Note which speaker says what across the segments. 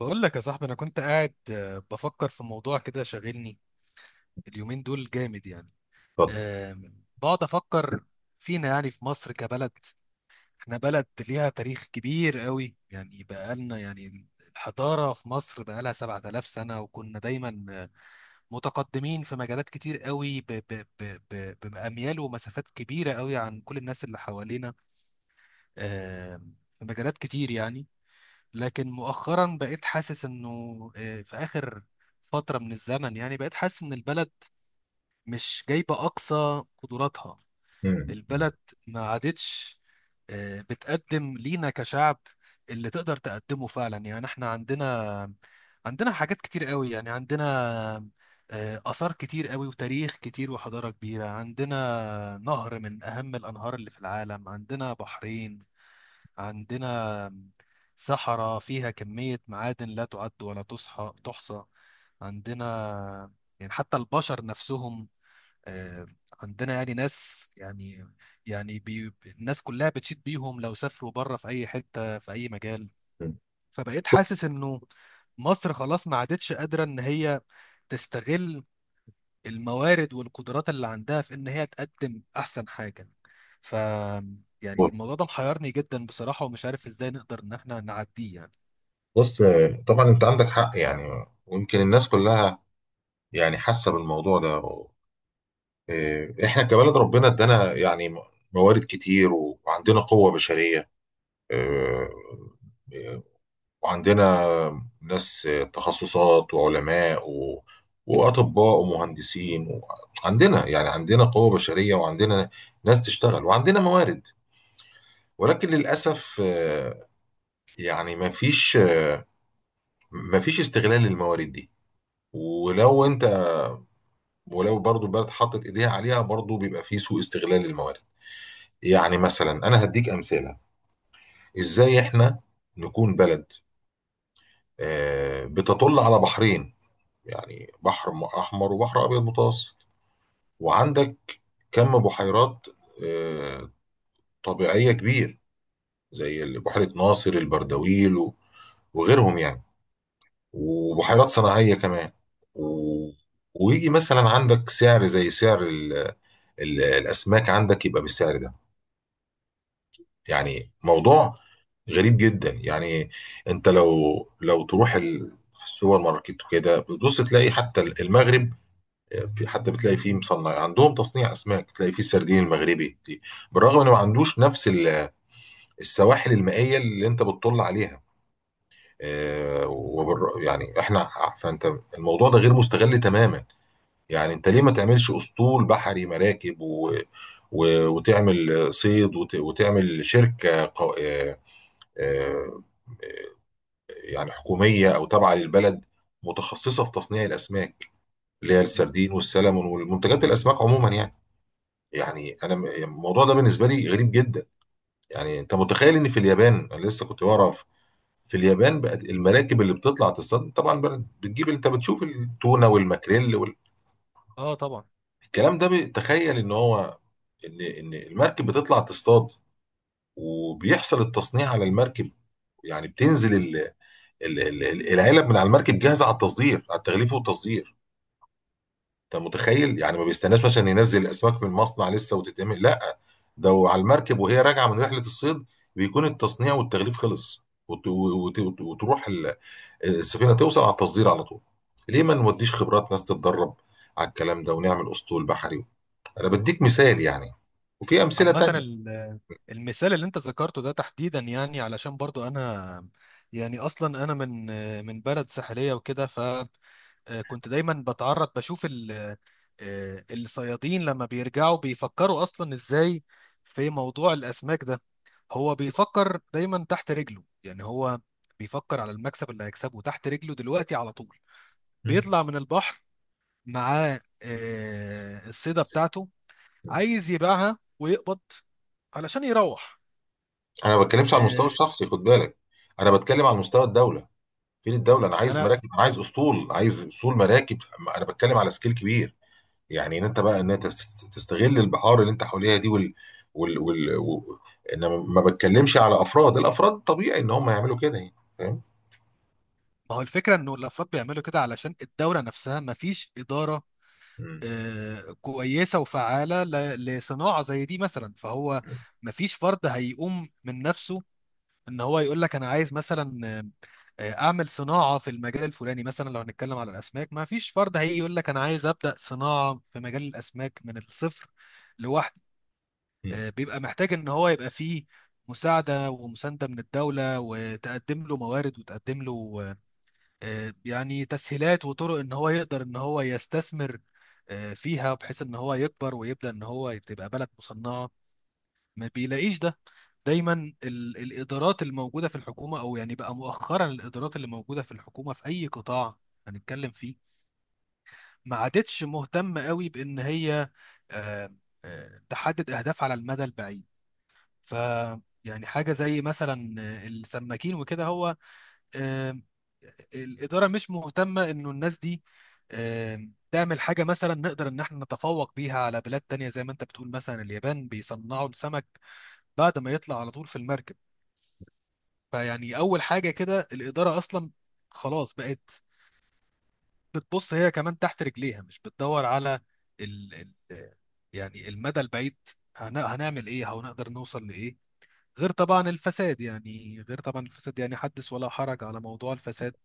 Speaker 1: بقول لك يا صاحبي، انا كنت قاعد بفكر في موضوع كده شاغلني اليومين دول جامد يعني.
Speaker 2: اتفضل.
Speaker 1: بقعد افكر فينا، يعني في مصر كبلد. احنا بلد ليها تاريخ كبير قوي، يعني بقالنا يعني الحضارة في مصر بقالها 7000 سنة، وكنا دايما متقدمين في مجالات كتير قوي بأميال ومسافات كبيرة قوي عن كل الناس اللي حوالينا. في مجالات كتير يعني. لكن مؤخرا بقيت حاسس انه في اخر فترة من الزمن، يعني بقيت حاسس ان البلد مش جايبة اقصى قدراتها.
Speaker 2: مم.
Speaker 1: البلد ما عادتش بتقدم لينا كشعب اللي تقدر تقدمه فعلا. يعني احنا عندنا حاجات كتير قوي، يعني عندنا آثار كتير قوي وتاريخ كتير وحضارة كبيرة، عندنا نهر من أهم الأنهار اللي في العالم، عندنا بحرين، عندنا صحراء فيها كمية معادن لا تعد ولا تحصى. عندنا، يعني حتى البشر نفسهم، آه، عندنا يعني ناس، يعني يعني بي الناس كلها بتشيد بيهم لو سافروا بره في أي حتة في أي مجال.
Speaker 2: مم.
Speaker 1: فبقيت حاسس إنه مصر خلاص ما عادتش قادرة إن هي تستغل الموارد والقدرات اللي عندها في ان هي تقدم احسن حاجه. ف يعني
Speaker 2: بص،
Speaker 1: الموضوع ده محيرني جدا بصراحه، ومش عارف ازاي نقدر ان احنا نعديه يعني.
Speaker 2: بص، طبعا انت عندك حق، يعني ويمكن الناس كلها يعني حاسه بالموضوع ده. إيه، احنا كبلد ربنا ادانا يعني موارد كتير، وعندنا قوه بشريه. إيه، إيه، وعندنا ناس، تخصصات وعلماء واطباء ومهندسين عندنا يعني عندنا قوه بشريه وعندنا ناس تشتغل وعندنا موارد، ولكن للاسف، يعني ما فيش مفيش استغلال للموارد دي. ولو انت ولو برضو البلد حطت ايديها عليها، برضو بيبقى في سوء استغلال للموارد. يعني مثلا انا هديك امثله. ازاي احنا نكون بلد بتطل على بحرين، يعني بحر احمر وبحر ابيض متوسط، وعندك كم بحيرات آه، طبيعيه كبير، زي بحيره ناصر البردويل وغيرهم يعني، وبحيرات صناعيه كمان و- ويجي مثلا عندك سعر زي سعر الاسماك، عندك يبقى بالسعر ده. يعني موضوع غريب جدا يعني. انت لو تروح السوبر ماركت وكده بتبص، تلاقي حتى المغرب، آه، في حتى بتلاقي فيه مصنع عندهم تصنيع اسماك، تلاقي فيه السردين المغربي، بالرغم انه ما عندوش نفس السواحل المائيه اللي انت بتطل عليها. يعني احنا، فانت الموضوع ده غير مستغل تماما. يعني انت ليه ما تعملش اسطول بحري مراكب وتعمل صيد وتعمل شركة قو... آه، آه، يعني حكومية او تابعة للبلد، متخصصة في تصنيع الاسماك، اللي هي
Speaker 1: م.
Speaker 2: السردين والسلمون والمنتجات الاسماك عموما يعني. يعني الموضوع ده بالنسبة لي غريب جدا. يعني انت متخيل ان في اليابان، انا لسه كنت بعرف في اليابان بقت المراكب اللي بتطلع تصطاد، طبعا بقت بتجيب، انت بتشوف التونة والماكريل.
Speaker 1: اه، طبعا.
Speaker 2: الكلام ده بيتخيل ان هو ان المركب بتطلع تصطاد، وبيحصل التصنيع على المركب. يعني بتنزل العلب من على المركب، جاهزه على التصدير، على التغليف والتصدير. انت متخيل؟ يعني ما بيستناش مثلا ينزل الاسماك من المصنع لسه وتتعمل، لا ده على المركب وهي راجعه من رحله الصيد، بيكون التصنيع والتغليف خلص، وتروح السفينه، توصل على التصدير على طول. ليه ما نوديش خبرات ناس تتدرب على الكلام ده ونعمل اسطول بحري؟ انا بديك مثال يعني، وفي امثله
Speaker 1: عامة
Speaker 2: تانية.
Speaker 1: المثال اللي انت ذكرته ده تحديدا، يعني علشان برضو انا يعني اصلا انا من بلد ساحلية وكده. كنت دايما بتعرض بشوف الصيادين لما بيرجعوا بيفكروا اصلا ازاي في موضوع الاسماك ده. هو بيفكر دايما تحت رجله، يعني هو بيفكر على المكسب اللي هيكسبه تحت رجله دلوقتي على طول.
Speaker 2: م؟
Speaker 1: بيطلع من البحر معاه الصيدة بتاعته، عايز يبيعها ويقبض علشان يروح.
Speaker 2: انا ما بتكلمش على المستوى
Speaker 1: آه،
Speaker 2: الشخصي، خد بالك. انا بتكلم على مستوى الدوله. فين الدوله؟ انا
Speaker 1: ما
Speaker 2: عايز
Speaker 1: انا
Speaker 2: مراكب، انا عايز اسطول، عايز اسطول مراكب. انا بتكلم على سكيل كبير، يعني ان انت بقى تستغل البحار اللي انت حواليها دي وال وال و... انا ما بتكلمش على افراد. الافراد طبيعي ان هم يعملوا كده يعني، فاهم.
Speaker 1: ما هو الفكرة انه الافراد بيعملوا كده علشان الدولة نفسها ما فيش إدارة
Speaker 2: م.
Speaker 1: كويسة وفعالة لصناعة زي دي مثلا. فهو مفيش فرد هيقوم من نفسه ان هو يقول لك انا عايز مثلا اعمل صناعة في المجال الفلاني. مثلا لو هنتكلم على الاسماك مفيش فرد هيجي يقول لك انا عايز ابدأ صناعة في مجال الاسماك من الصفر لوحده.
Speaker 2: م.
Speaker 1: بيبقى محتاج ان هو يبقى فيه مساعدة ومساندة من الدولة، وتقدم له موارد وتقدم له يعني تسهيلات وطرق ان هو يقدر ان هو يستثمر فيها، بحيث ان هو يكبر ويبدا ان هو تبقى بلد مصنعه. ما بيلاقيش ده. دايما الادارات الموجوده في الحكومه، او يعني بقى مؤخرا الادارات اللي موجوده في الحكومه في اي قطاع هنتكلم فيه، ما عادتش مهتمه قوي بان هي آه، تحدد اهداف على المدى البعيد. ف يعني حاجه زي مثلا السماكين وكده، هو آم، الإدارة مش مهتمة إنه الناس دي تعمل حاجة مثلا نقدر إن احنا نتفوق بيها على بلاد تانية، زي ما أنت بتقول مثلا اليابان بيصنعوا السمك بعد ما يطلع على طول في المركب. فيعني أول حاجة كده الإدارة أصلا خلاص بقت بتبص هي كمان تحت رجليها، مش بتدور على ال ال يعني المدى البعيد. هنعمل إيه أو نقدر نوصل لإيه؟ غير طبعا الفساد، يعني غير طبعا الفساد، يعني حدث ولا حرج على موضوع الفساد.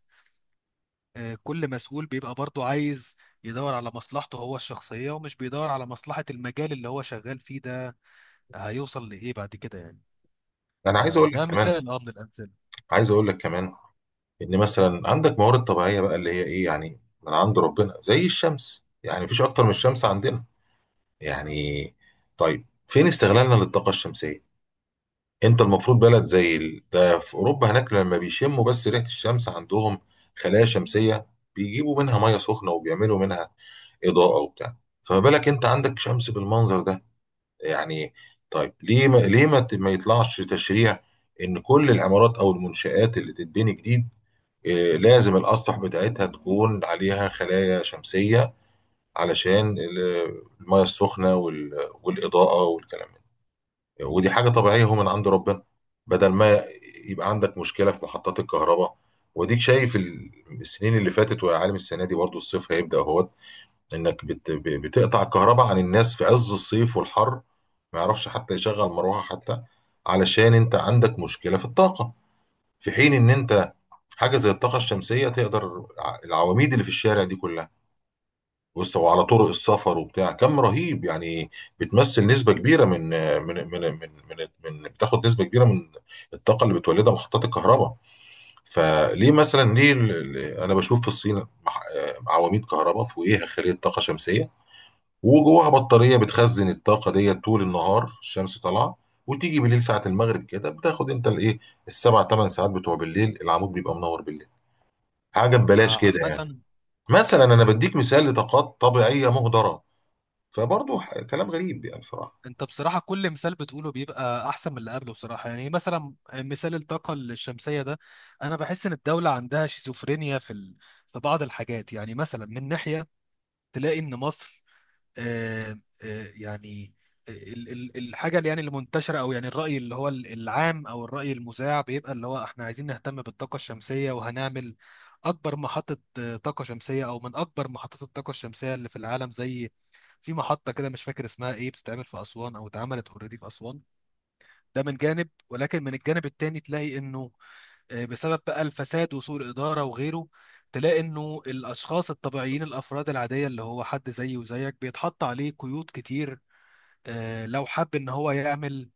Speaker 1: كل مسؤول بيبقى برضه عايز يدور على مصلحته هو الشخصية، ومش بيدور على مصلحة المجال اللي هو شغال فيه ده هيوصل لإيه بعد كده يعني.
Speaker 2: انا عايز اقول لك
Speaker 1: فده
Speaker 2: كمان،
Speaker 1: مثال من الأمثلة.
Speaker 2: عايز اقول لك كمان ان مثلا عندك موارد طبيعيه بقى، اللي هي ايه يعني، من عند ربنا زي الشمس. يعني مفيش اكتر من الشمس عندنا يعني. طيب، فين استغلالنا للطاقه الشمسيه؟ انت المفروض بلد زي ده في اوروبا هناك، لما بيشموا بس ريحه الشمس عندهم، خلايا شمسيه، بيجيبوا منها ميه سخنه، وبيعملوا منها اضاءه وبتاع. فما بالك انت عندك شمس بالمنظر ده؟ يعني طيب، ليه ما ليه ما ت- ما يطلعش تشريع ان كل العمارات او المنشآت اللي تتبني جديد، لازم الأسطح بتاعتها تكون عليها خلايا شمسية، علشان المية السخنة والإضاءة والكلام ده، ودي حاجة طبيعية هو من عند ربنا. بدل ما يبقى عندك مشكلة في محطات الكهرباء، وديك شايف السنين اللي فاتت، ويا عالم السنة دي برضو الصيف هيبدأ اهوت، إنك بتقطع الكهرباء عن الناس في عز الصيف والحر، ما يعرفش حتى يشغل مروحة حتى، علشان أنت عندك مشكلة في الطاقة. في حين ان انت، حاجه زي الطاقه الشمسيه، تقدر العواميد اللي في الشارع دي كلها، بص، وعلى طرق السفر وبتاع، كم رهيب يعني، بتمثل نسبه كبيره من بتاخد نسبه كبيره من الطاقه اللي بتولدها محطات الكهرباء. فليه مثلا؟ ليه انا بشوف في الصين عواميد كهرباء فوقيها خليه طاقه شمسيه، وجواها بطاريه بتخزن الطاقه ديت، طول النهار الشمس طالعه، وتيجي بالليل ساعه المغرب كده بتاخد انت الايه، السبع ثمان ساعات بتوع بالليل، العمود بيبقى منور بالليل، حاجه ببلاش كده يعني.
Speaker 1: فعامة
Speaker 2: مثلا انا بديك مثال لطاقات طبيعيه مهدره، فبرضه كلام غريب يعني بصراحه.
Speaker 1: انت بصراحة كل مثال بتقوله بيبقى أحسن من اللي قبله بصراحة، يعني مثلا مثال الطاقة الشمسية ده أنا بحس إن الدولة عندها شيزوفرينيا في بعض الحاجات. يعني مثلا من ناحية تلاقي إن مصر آه، يعني الحاجه اللي يعني المنتشره، او يعني الراي اللي هو العام، او الراي المذاع بيبقى اللي هو احنا عايزين نهتم بالطاقه الشمسيه، وهنعمل اكبر محطه طاقه شمسيه، او من اكبر محطات الطاقه الشمسيه اللي في العالم، زي في محطه كده مش فاكر اسمها ايه بتتعمل في اسوان او اتعملت اوريدي في اسوان. ده من جانب، ولكن من الجانب التاني تلاقي انه بسبب بقى الفساد وسوء الإدارة وغيره تلاقي إنه الأشخاص الطبيعيين، الأفراد العادية اللي هو حد زيي وزيك بيتحط عليه قيود كتير لو حب إن هو يعمل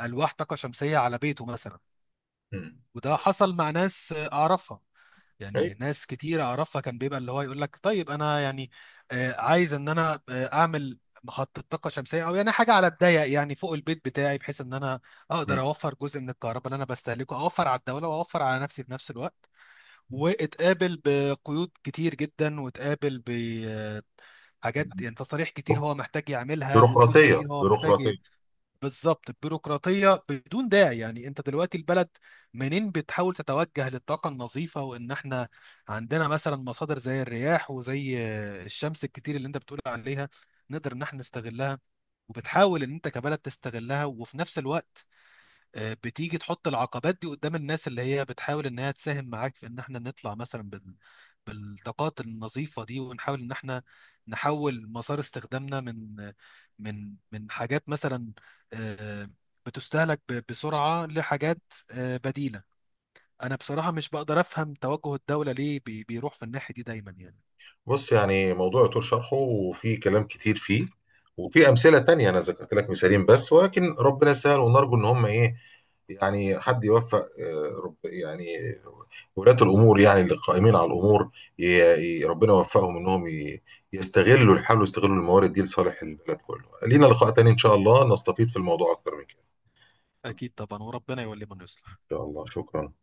Speaker 1: ألواح طاقة شمسية على بيته مثلا.
Speaker 2: مم.
Speaker 1: وده
Speaker 2: مم.
Speaker 1: حصل مع ناس أعرفها،
Speaker 2: أيوة.
Speaker 1: يعني ناس كتير أعرفها كان بيبقى اللي هو يقول لك طيب أنا يعني عايز إن أنا أعمل محطة طاقة شمسية، أو يعني حاجة على الضيق يعني فوق البيت بتاعي، بحيث إن أنا أقدر
Speaker 2: مم.
Speaker 1: أوفر جزء من الكهرباء اللي أنا بستهلكه، أوفر على الدولة وأوفر على نفسي في نفس الوقت. واتقابل بقيود كتير جدا، واتقابل بحاجات يعني تصاريح كتير هو محتاج يعملها، وفلوس
Speaker 2: بيروقراطيه،
Speaker 1: كتير هو محتاج
Speaker 2: بيروقراطيه.
Speaker 1: بالظبط بيروقراطية بدون داعي. يعني انت دلوقتي البلد منين بتحاول تتوجه للطاقة النظيفة، وان احنا عندنا مثلا مصادر زي الرياح وزي الشمس الكتير اللي انت بتقول عليها نقدر ان احنا نستغلها، وبتحاول ان انت كبلد تستغلها، وفي نفس الوقت بتيجي تحط العقبات دي قدام الناس اللي هي بتحاول انها تساهم معاك في ان احنا نطلع مثلا بالطاقات النظيفة دي، ونحاول ان احنا نحول مسار استخدامنا من حاجات مثلا آه، بتستهلك بسرعة لحاجات بديلة. انا بصراحة مش بقدر افهم توجه الدولة ليه بيروح في الناحية دي دايما يعني.
Speaker 2: بص، يعني موضوع يطول شرحه، وفي كلام كتير فيه، وفي امثله تانية. انا ذكرت لك مثالين بس، ولكن ربنا يسهل، ونرجو ان هم ايه، يعني حد يوفق، رب يعني، ولاة الامور، يعني اللي قائمين على الامور، ي- ربنا يوفقهم انهم يستغلوا الحال ويستغلوا الموارد دي لصالح البلد كله. لينا لقاء تاني ان شاء الله، نستفيد في الموضوع اكتر من كده.
Speaker 1: اكيد طبعا، وربنا يولي من
Speaker 2: ان
Speaker 1: يصلح.
Speaker 2: شاء الله، شكرا.